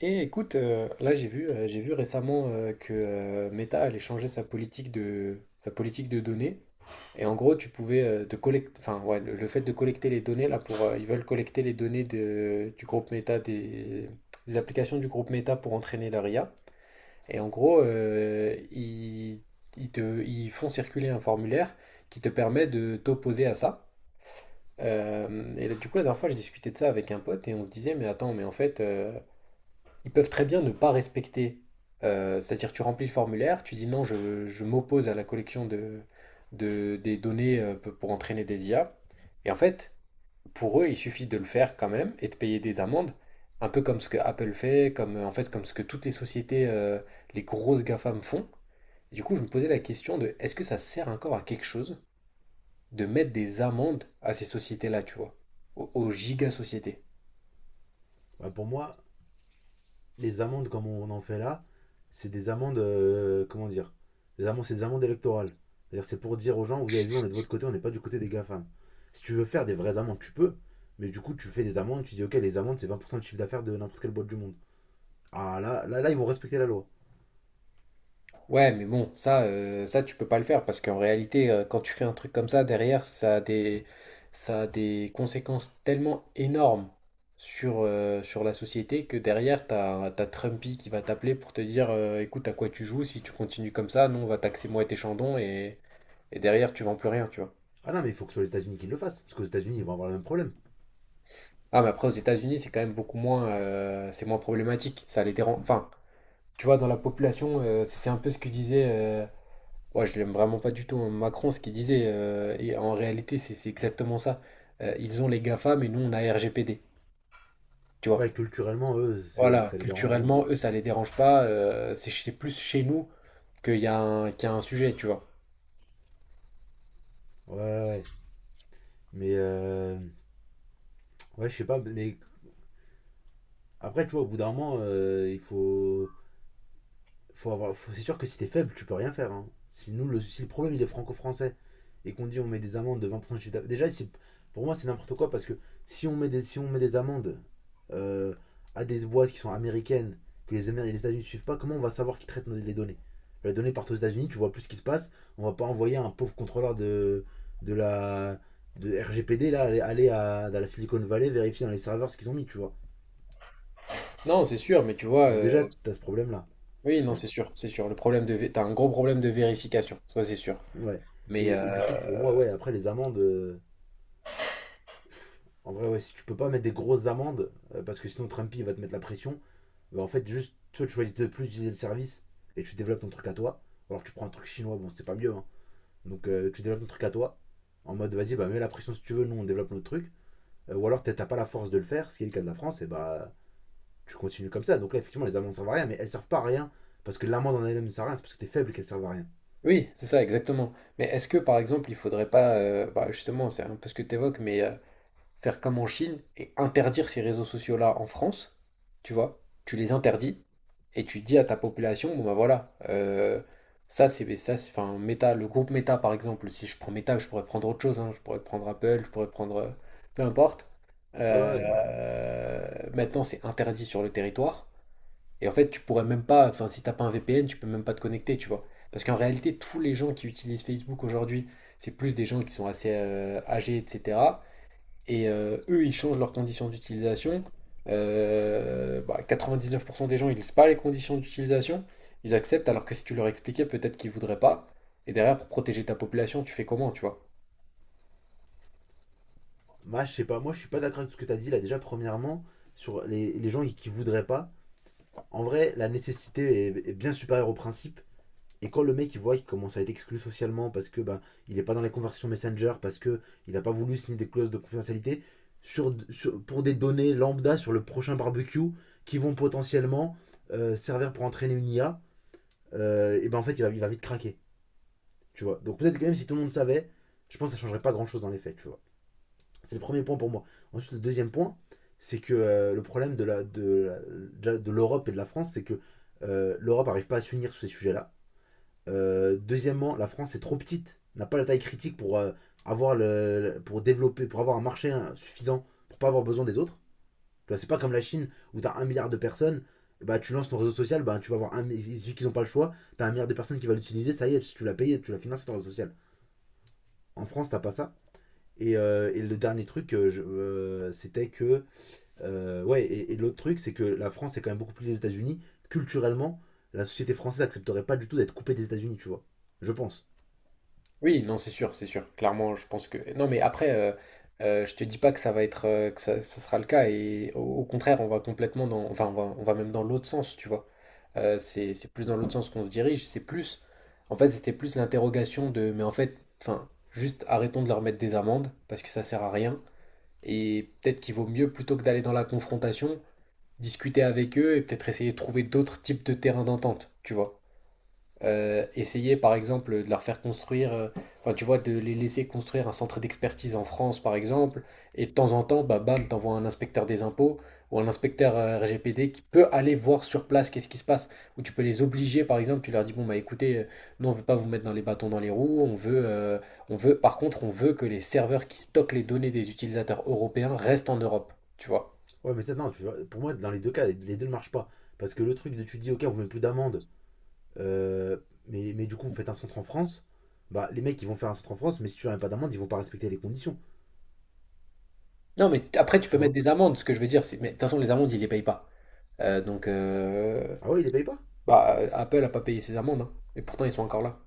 Et écoute, là j'ai vu récemment que Meta allait changer sa politique sa politique de données. Et en gros, tu pouvais enfin ouais, le fait de collecter les données là pour, ils veulent collecter les données du groupe Meta des applications du groupe Meta pour entraîner leur IA. Et en gros, ils te, ils font circuler un formulaire qui te permet de t'opposer à ça. Et là, du coup, la dernière fois, je discutais de ça avec un pote et on se disait, mais attends, mais en fait, ils peuvent très bien ne pas respecter. C'est-à-dire, tu remplis le formulaire, tu dis non, je m'oppose à la collection de, des données pour entraîner des IA. Et en fait, pour eux, il suffit de le faire quand même et de payer des amendes, un peu comme ce que Apple fait, en fait, comme ce que toutes les sociétés, les grosses GAFAM font. Et du coup, je me posais la question de est-ce que ça sert encore à quelque chose de mettre des amendes à ces sociétés-là, tu vois, aux giga-sociétés? Bah, pour moi, les amendes comme on en fait là, c'est des amendes, comment dire, des amendes, c'est des amendes électorales. C'est-à-dire c'est pour dire aux gens, vous avez vu, on est de votre côté, on n'est pas du côté des GAFAM. Si tu veux faire des vraies amendes, tu peux, mais du coup tu fais des amendes, tu dis ok, les amendes c'est 20% de chiffre d'affaires de n'importe quelle boîte du monde. Ah là, là, là, ils vont respecter la loi. Ouais, mais bon, ça tu peux pas le faire parce qu'en réalité, quand tu fais un truc comme ça, derrière, ça a des conséquences tellement énormes sur la société que derrière, t'as Trumpy qui va t'appeler pour te dire, écoute, à quoi tu joues, si tu continues comme ça, nous, on va taxer moi et tes chandons et derrière, tu vends plus rien, tu vois. Ah non, mais il faut que ce soit les États-Unis qui le fassent, parce qu'aux États-Unis ils vont avoir le même problème. Ah, mais après, aux États-Unis, c'est quand même beaucoup moins, c'est moins problématique. Ça les dérange. Enfin, tu vois, dans la population, c'est un peu ce que disait, ouais, je l'aime vraiment pas du tout, hein, Macron, ce qu'il disait, et en réalité, c'est exactement ça. Ils ont les GAFA, mais nous, on a RGPD. Tu vois. Ouais, culturellement, eux, c'est, Voilà, ça les dérange moins, culturellement, quoi. eux, ça les dérange pas. C'est plus chez nous qu'il y a qu'il y a un sujet, tu vois. Ouais, ouais, ouais. Mais, ouais, je sais pas, mais après, tu vois, au bout d'un moment, il faut... c'est sûr que si t'es faible, tu peux rien faire, hein. Si, nous, le, si le problème il est franco-français et qu'on dit on met des amendes de 20% de chiffre d'affaires- déjà, c'est- pour moi c'est n'importe quoi parce que si on met des amendes euh, à des boîtes qui sont américaines, que les, les États-Unis ne suivent pas, comment on va savoir qui traitent nos- les données. Les données partent aux États-Unis, tu vois plus ce qui se passe, on va pas envoyer un pauvre contrôleur de la de RGPD là, aller à, dans la Silicon Valley vérifier dans les serveurs ce qu'ils ont mis, tu vois. Non, c'est sûr, mais tu vois, Donc déjà, t'as ce problème là, oui, tu non, vois. c'est sûr, c'est sûr. Le problème de, t'as un gros problème de vérification, ça c'est sûr. Ouais. Mais Et du coup, pour moi, ouais, après les amendes, en vrai, ouais, si tu peux pas mettre des grosses amendes, parce que sinon Trumpy va te mettre la pression, bah, en fait, juste, tu vois, tu choisis de plus utiliser le service et tu développes ton truc à toi. Ou alors, tu prends un truc chinois, bon, c'est pas mieux, hein. Donc, tu développes ton truc à toi, en mode, vas-y, bah, mets la pression si tu veux, nous, on développe notre truc. Ou alors, t'as pas la force de le faire, ce qui est le cas de la France, et bah, tu continues comme ça. Donc, là, effectivement, les amendes servent à rien, mais elles servent pas à rien, parce que l'amende en elle-même ne sert à rien, c'est parce que t'es faible qu'elle servent à rien. oui, c'est ça, exactement. Mais est-ce que, par exemple, il faudrait pas, bah, justement, c'est un peu ce que tu évoques, mais faire comme en Chine et interdire ces réseaux sociaux-là en France, tu vois, tu les interdis et tu dis à ta population, bon bah voilà, enfin Meta, le groupe Meta par exemple, si je prends Meta, je pourrais prendre autre chose, hein, je pourrais prendre Apple, je pourrais prendre peu importe. Ouais, Euh, ouais. maintenant c'est interdit sur le territoire et en fait tu pourrais même pas, enfin si t'as pas un VPN, tu peux même pas te connecter, tu vois. Parce qu'en réalité, tous les gens qui utilisent Facebook aujourd'hui, c'est plus des gens qui sont assez âgés, etc. et eux, ils changent leurs conditions d'utilisation. Bah, 99% des gens, ils lisent pas les conditions d'utilisation. Ils acceptent, alors que si tu leur expliquais, peut-être qu'ils voudraient pas. Et derrière, pour protéger ta population, tu fais comment, tu vois? Bah, je sais pas, moi je suis pas d'accord avec ce que tu as dit là. Déjà, premièrement, sur les gens qui voudraient pas, en vrai, la nécessité est, est bien supérieure au principe. Et quand le mec il voit qu'il commence à être exclu socialement parce que bah, il est pas dans les conversations Messenger, parce que il a pas voulu signer des clauses de confidentialité sur, sur- pour des données lambda sur le prochain barbecue qui vont potentiellement servir pour entraîner une IA, et ben en fait il va vite craquer, tu vois. Donc peut-être que même si tout le monde savait, je pense que ça changerait pas grand chose dans les faits, tu vois. C'est le premier point pour moi. Ensuite, le deuxième point, c'est que le problème de l'Europe et de la France, c'est que l'Europe n'arrive pas à s'unir sur ces sujets-là. Deuxièmement, la France est trop petite, n'a pas la taille critique pour avoir le, pour développer, pour avoir un marché hein, suffisant pour pas avoir besoin des autres. Tu vois, c'est pas comme la Chine où tu as un milliard de personnes, bah tu lances ton réseau social, bah tu vas avoir un, mi- il suffit qu'ils ont pas le choix, tu as un milliard de personnes qui va l'utiliser, ça y est, si tu l'as payé, tu l'as financé ton réseau social. En France, t'as pas ça. Et le dernier truc, c'était que ouais, et l'autre truc, c'est que la France est quand même beaucoup plus les États-Unis. Culturellement, la société française n'accepterait pas du tout d'être coupée des États-Unis, tu vois. Je pense. Oui, non, c'est sûr, c'est sûr. Clairement, je pense que. Non, mais après, je te dis pas que ça va être, que ça sera le cas. Et au contraire, on va complètement dans, enfin, on va même dans l'autre sens, tu vois. C'est plus dans l'autre sens qu'on se dirige. C'est plus, en fait, c'était plus l'interrogation de, mais en fait, enfin, juste arrêtons de leur mettre des amendes parce que ça sert à rien. Et peut-être qu'il vaut mieux plutôt que d'aller dans la confrontation, discuter avec eux et peut-être essayer de trouver d'autres types de terrains d'entente, tu vois. Essayer par exemple de leur faire construire, enfin tu vois, de les laisser construire un centre d'expertise en France par exemple, et de temps en temps, bah bam, t'envoies un inspecteur des impôts ou un inspecteur RGPD qui peut aller voir sur place qu'est-ce qui se passe, ou tu peux les obliger par exemple, tu leur dis bon bah écoutez, nous on veut pas vous mettre dans les bâtons dans les roues, on veut, par contre on veut que les serveurs qui stockent les données des utilisateurs européens restent en Europe, tu vois. Ouais, mais ça, non, tu vois, pour moi, dans les deux cas, les, deux ne marchent pas. Parce que le truc de tu dis, ok, on vous met plus d'amende, euh, mais du coup, vous faites un centre en France. Bah, les mecs, ils vont faire un centre en France, mais si tu leur as pas d'amende, ils vont pas respecter les conditions, Non mais t- après tu peux tu mettre vois. des amendes, ce que je veux dire, c'est, mais de toute façon les amendes ils les payent pas. Euh, donc, euh, Ah ouais, ils les payent pas. Bah, Apple a pas payé ses amendes, hein. Et pourtant, ils sont encore là.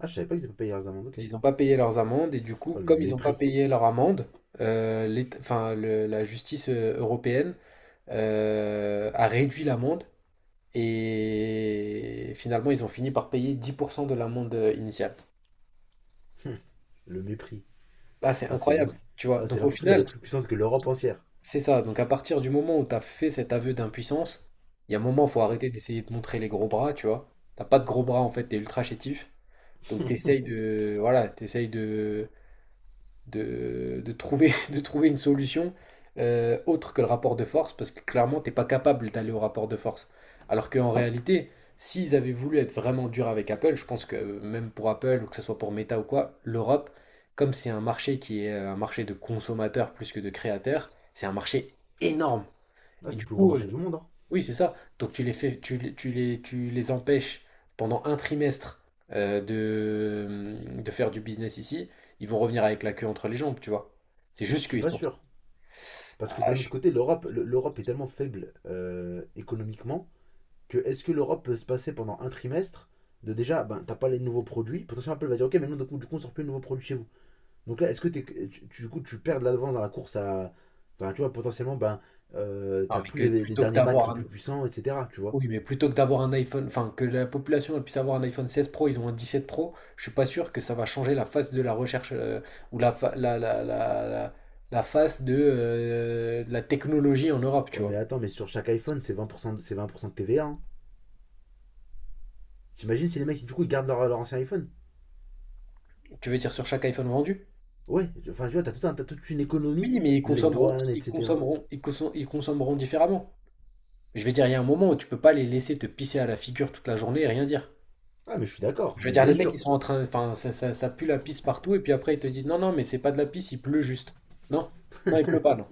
Ah, je savais pas qu'ils étaient pas payé leurs amendes, ok. Ils n'ont pas payé leurs amendes, et du coup, Oh, le comme ils n'ont pas mépris. payé leur amende, l'État- enfin, le- la justice européenne a réduit l'amende, et finalement, ils ont fini par payer 10% de l'amende initiale. Le mépris. Ah, c'est Ah, c'est incroyable, ridicule. tu vois. Ah, c'est Donc, au l'entreprise, elle est final, plus puissante que l'Europe entière. c'est ça. Donc, à partir du moment où tu as fait cet aveu d'impuissance, il y a un moment, faut arrêter d'essayer de montrer les gros bras, tu vois. T'as pas de gros bras, en fait, t'es ultra chétif. Donc, t'essayes de, voilà, de trouver, de trouver une solution autre que le rapport de force, parce que clairement, t'es pas capable d'aller au rapport de force. Alors qu'en réalité, s'ils avaient voulu être vraiment durs avec Apple, je pense que même pour Apple, ou que ce soit pour Meta ou quoi, l'Europe, comme c'est un marché qui est un marché de consommateurs plus que de créateurs, c'est un marché énorme. Ah, Et c'est le du plus gros coup, marché du monde, hein. oui, c'est ça. Donc tu les fais, tu, les- tu les, tu les empêches pendant un trimestre de faire du business ici. Ils vont revenir avec la queue entre les jambes, tu vois. C'est juste Je suis qu'ils pas sont. sûr. Parce que Ah, d'un autre je- côté, l'Europe, l'Europe est tellement faible économiquement que est-ce que l'Europe peut se passer pendant un trimestre de déjà, ben, t'as pas les nouveaux produits. Potentiellement, Apple va dire, ok, mais non, du coup, on sort plus de nouveaux produits chez vous. Donc là, est-ce que tu, du coup, tu perds de l'avance dans la course à... Enfin, tu vois, potentiellement, ben, Non, t'as mais plus que les plutôt que derniers Mac qui d'avoir sont un- plus puissants, etc. Tu vois. Oui, mais plutôt que d'avoir un iPhone, enfin que la population elle puisse avoir un iPhone 16 Pro, ils ont un 17 Pro, je suis pas sûr que ça va changer la face de la recherche ou la, fa- la- la face de la technologie en Europe, tu Ouais, mais vois. attends, mais sur chaque iPhone, c'est 20%, de- c'est 20% de TVA, hein. T'imagines si les mecs, du coup, ils gardent leur, leur ancien iPhone. Tu veux dire sur chaque iPhone vendu? Ouais, enfin, tu vois, t'as t'as toute une économie, Oui, mais les douanes, etc. Ils consommeront différemment. Je veux dire, il y a un moment où tu peux pas les laisser te pisser à la figure toute la journée et rien dire. Ah, mais je suis d'accord, Je veux mais dire, les bien mecs, ils sûr. sont en train, enfin, ça pue la pisse partout, et puis après, ils te disent, non, non, mais c'est pas de la pisse, il pleut juste. Non, non, il pleut pas, non.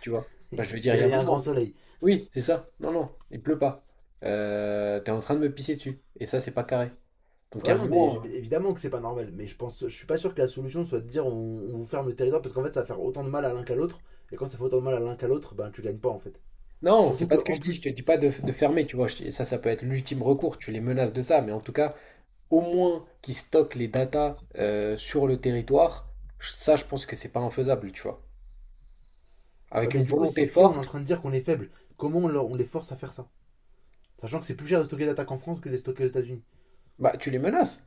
Tu vois? Enfin, Il je veux dire, il y a un y a un moment. grand soleil. Oui, c'est ça. Non, non, il pleut pas. T'es en train de me pisser dessus. Et ça, c'est pas carré. Donc, il y Ouais, a un non, mais moment. Évidemment que c'est pas normal. Mais je pense, je suis pas sûr que la solution soit de dire on vous ferme le territoire parce qu'en fait ça va faire autant de mal à l'un qu'à l'autre. Et quand ça fait autant de mal à l'un qu'à l'autre, ben tu gagnes pas en fait. Non, c'est Surtout que pas ce que en je dis. Je te plus. dis pas de fermer, tu vois. Je- Ça peut être l'ultime recours. Tu les menaces de ça. Mais en tout cas, au moins qu'ils stockent les datas sur le territoire, je- ça, je pense que c'est pas infaisable, tu vois. Ouais, Avec mais une du coup, volonté si, si on est en forte, train de dire qu'on est faible, comment on, leur- on les force à faire ça. Sachant que c'est plus cher de stocker d'attaques en France que de les stocker aux États-Unis. bah, tu les menaces.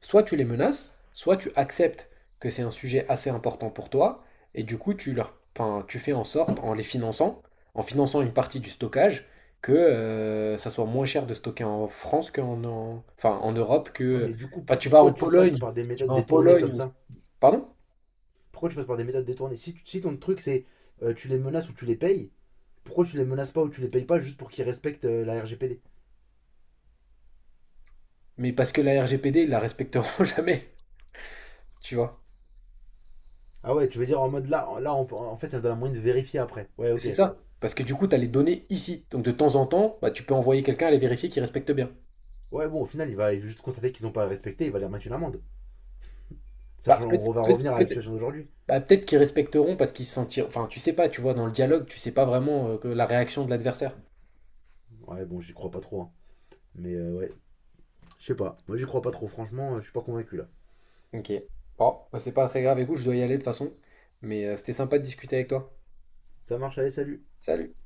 Soit tu les menaces, soit tu acceptes que c'est un sujet assez important pour toi, et du coup, enfin, tu fais en sorte, en les finançant, en finançant une partie du stockage, que ça soit moins cher de stocker en France enfin, en Europe Ouais, que mais du coup, enfin, tu vas en pourquoi tu passes Pologne, par des tu méthodes vas en détournées Pologne, comme ou- ça. pardon, Pourquoi tu passes par des méthodes détournées si, si ton truc c'est tu les menaces ou tu les payes, pourquoi tu les menaces pas ou tu les payes pas juste pour qu'ils respectent la RGPD. mais parce que la RGPD, ils la respecteront jamais, tu vois. Ah ouais, tu veux dire en mode là, là on peut- en fait ça me donne un moyen de vérifier après. Ouais, Et ok. c'est ça. Parce que du coup, tu as les données ici. Donc de temps en temps, bah, tu peux envoyer quelqu'un aller vérifier qu'ils respectent bien. Ouais, bon, au final, il va juste constater qu'ils ont pas respecté, il va leur mettre une amende. Bah, Sachant peut- qu'on va peut- revenir à la peut- situation d'aujourd'hui. Bah, peut-être qu'ils respecteront parce qu'ils se sentiront. Enfin, tu sais pas, tu vois, dans le dialogue, tu sais pas vraiment que la réaction de l'adversaire. Ouais, bon, j'y crois pas trop, hein. Mais ouais, je sais pas. Moi, j'y crois pas trop. Franchement, je suis pas convaincu là. Ok. Bon, bah, c'est pas très grave. Écoute, je dois y aller de toute façon. Mais c'était sympa de discuter avec toi. Ça marche, allez, salut. Salut!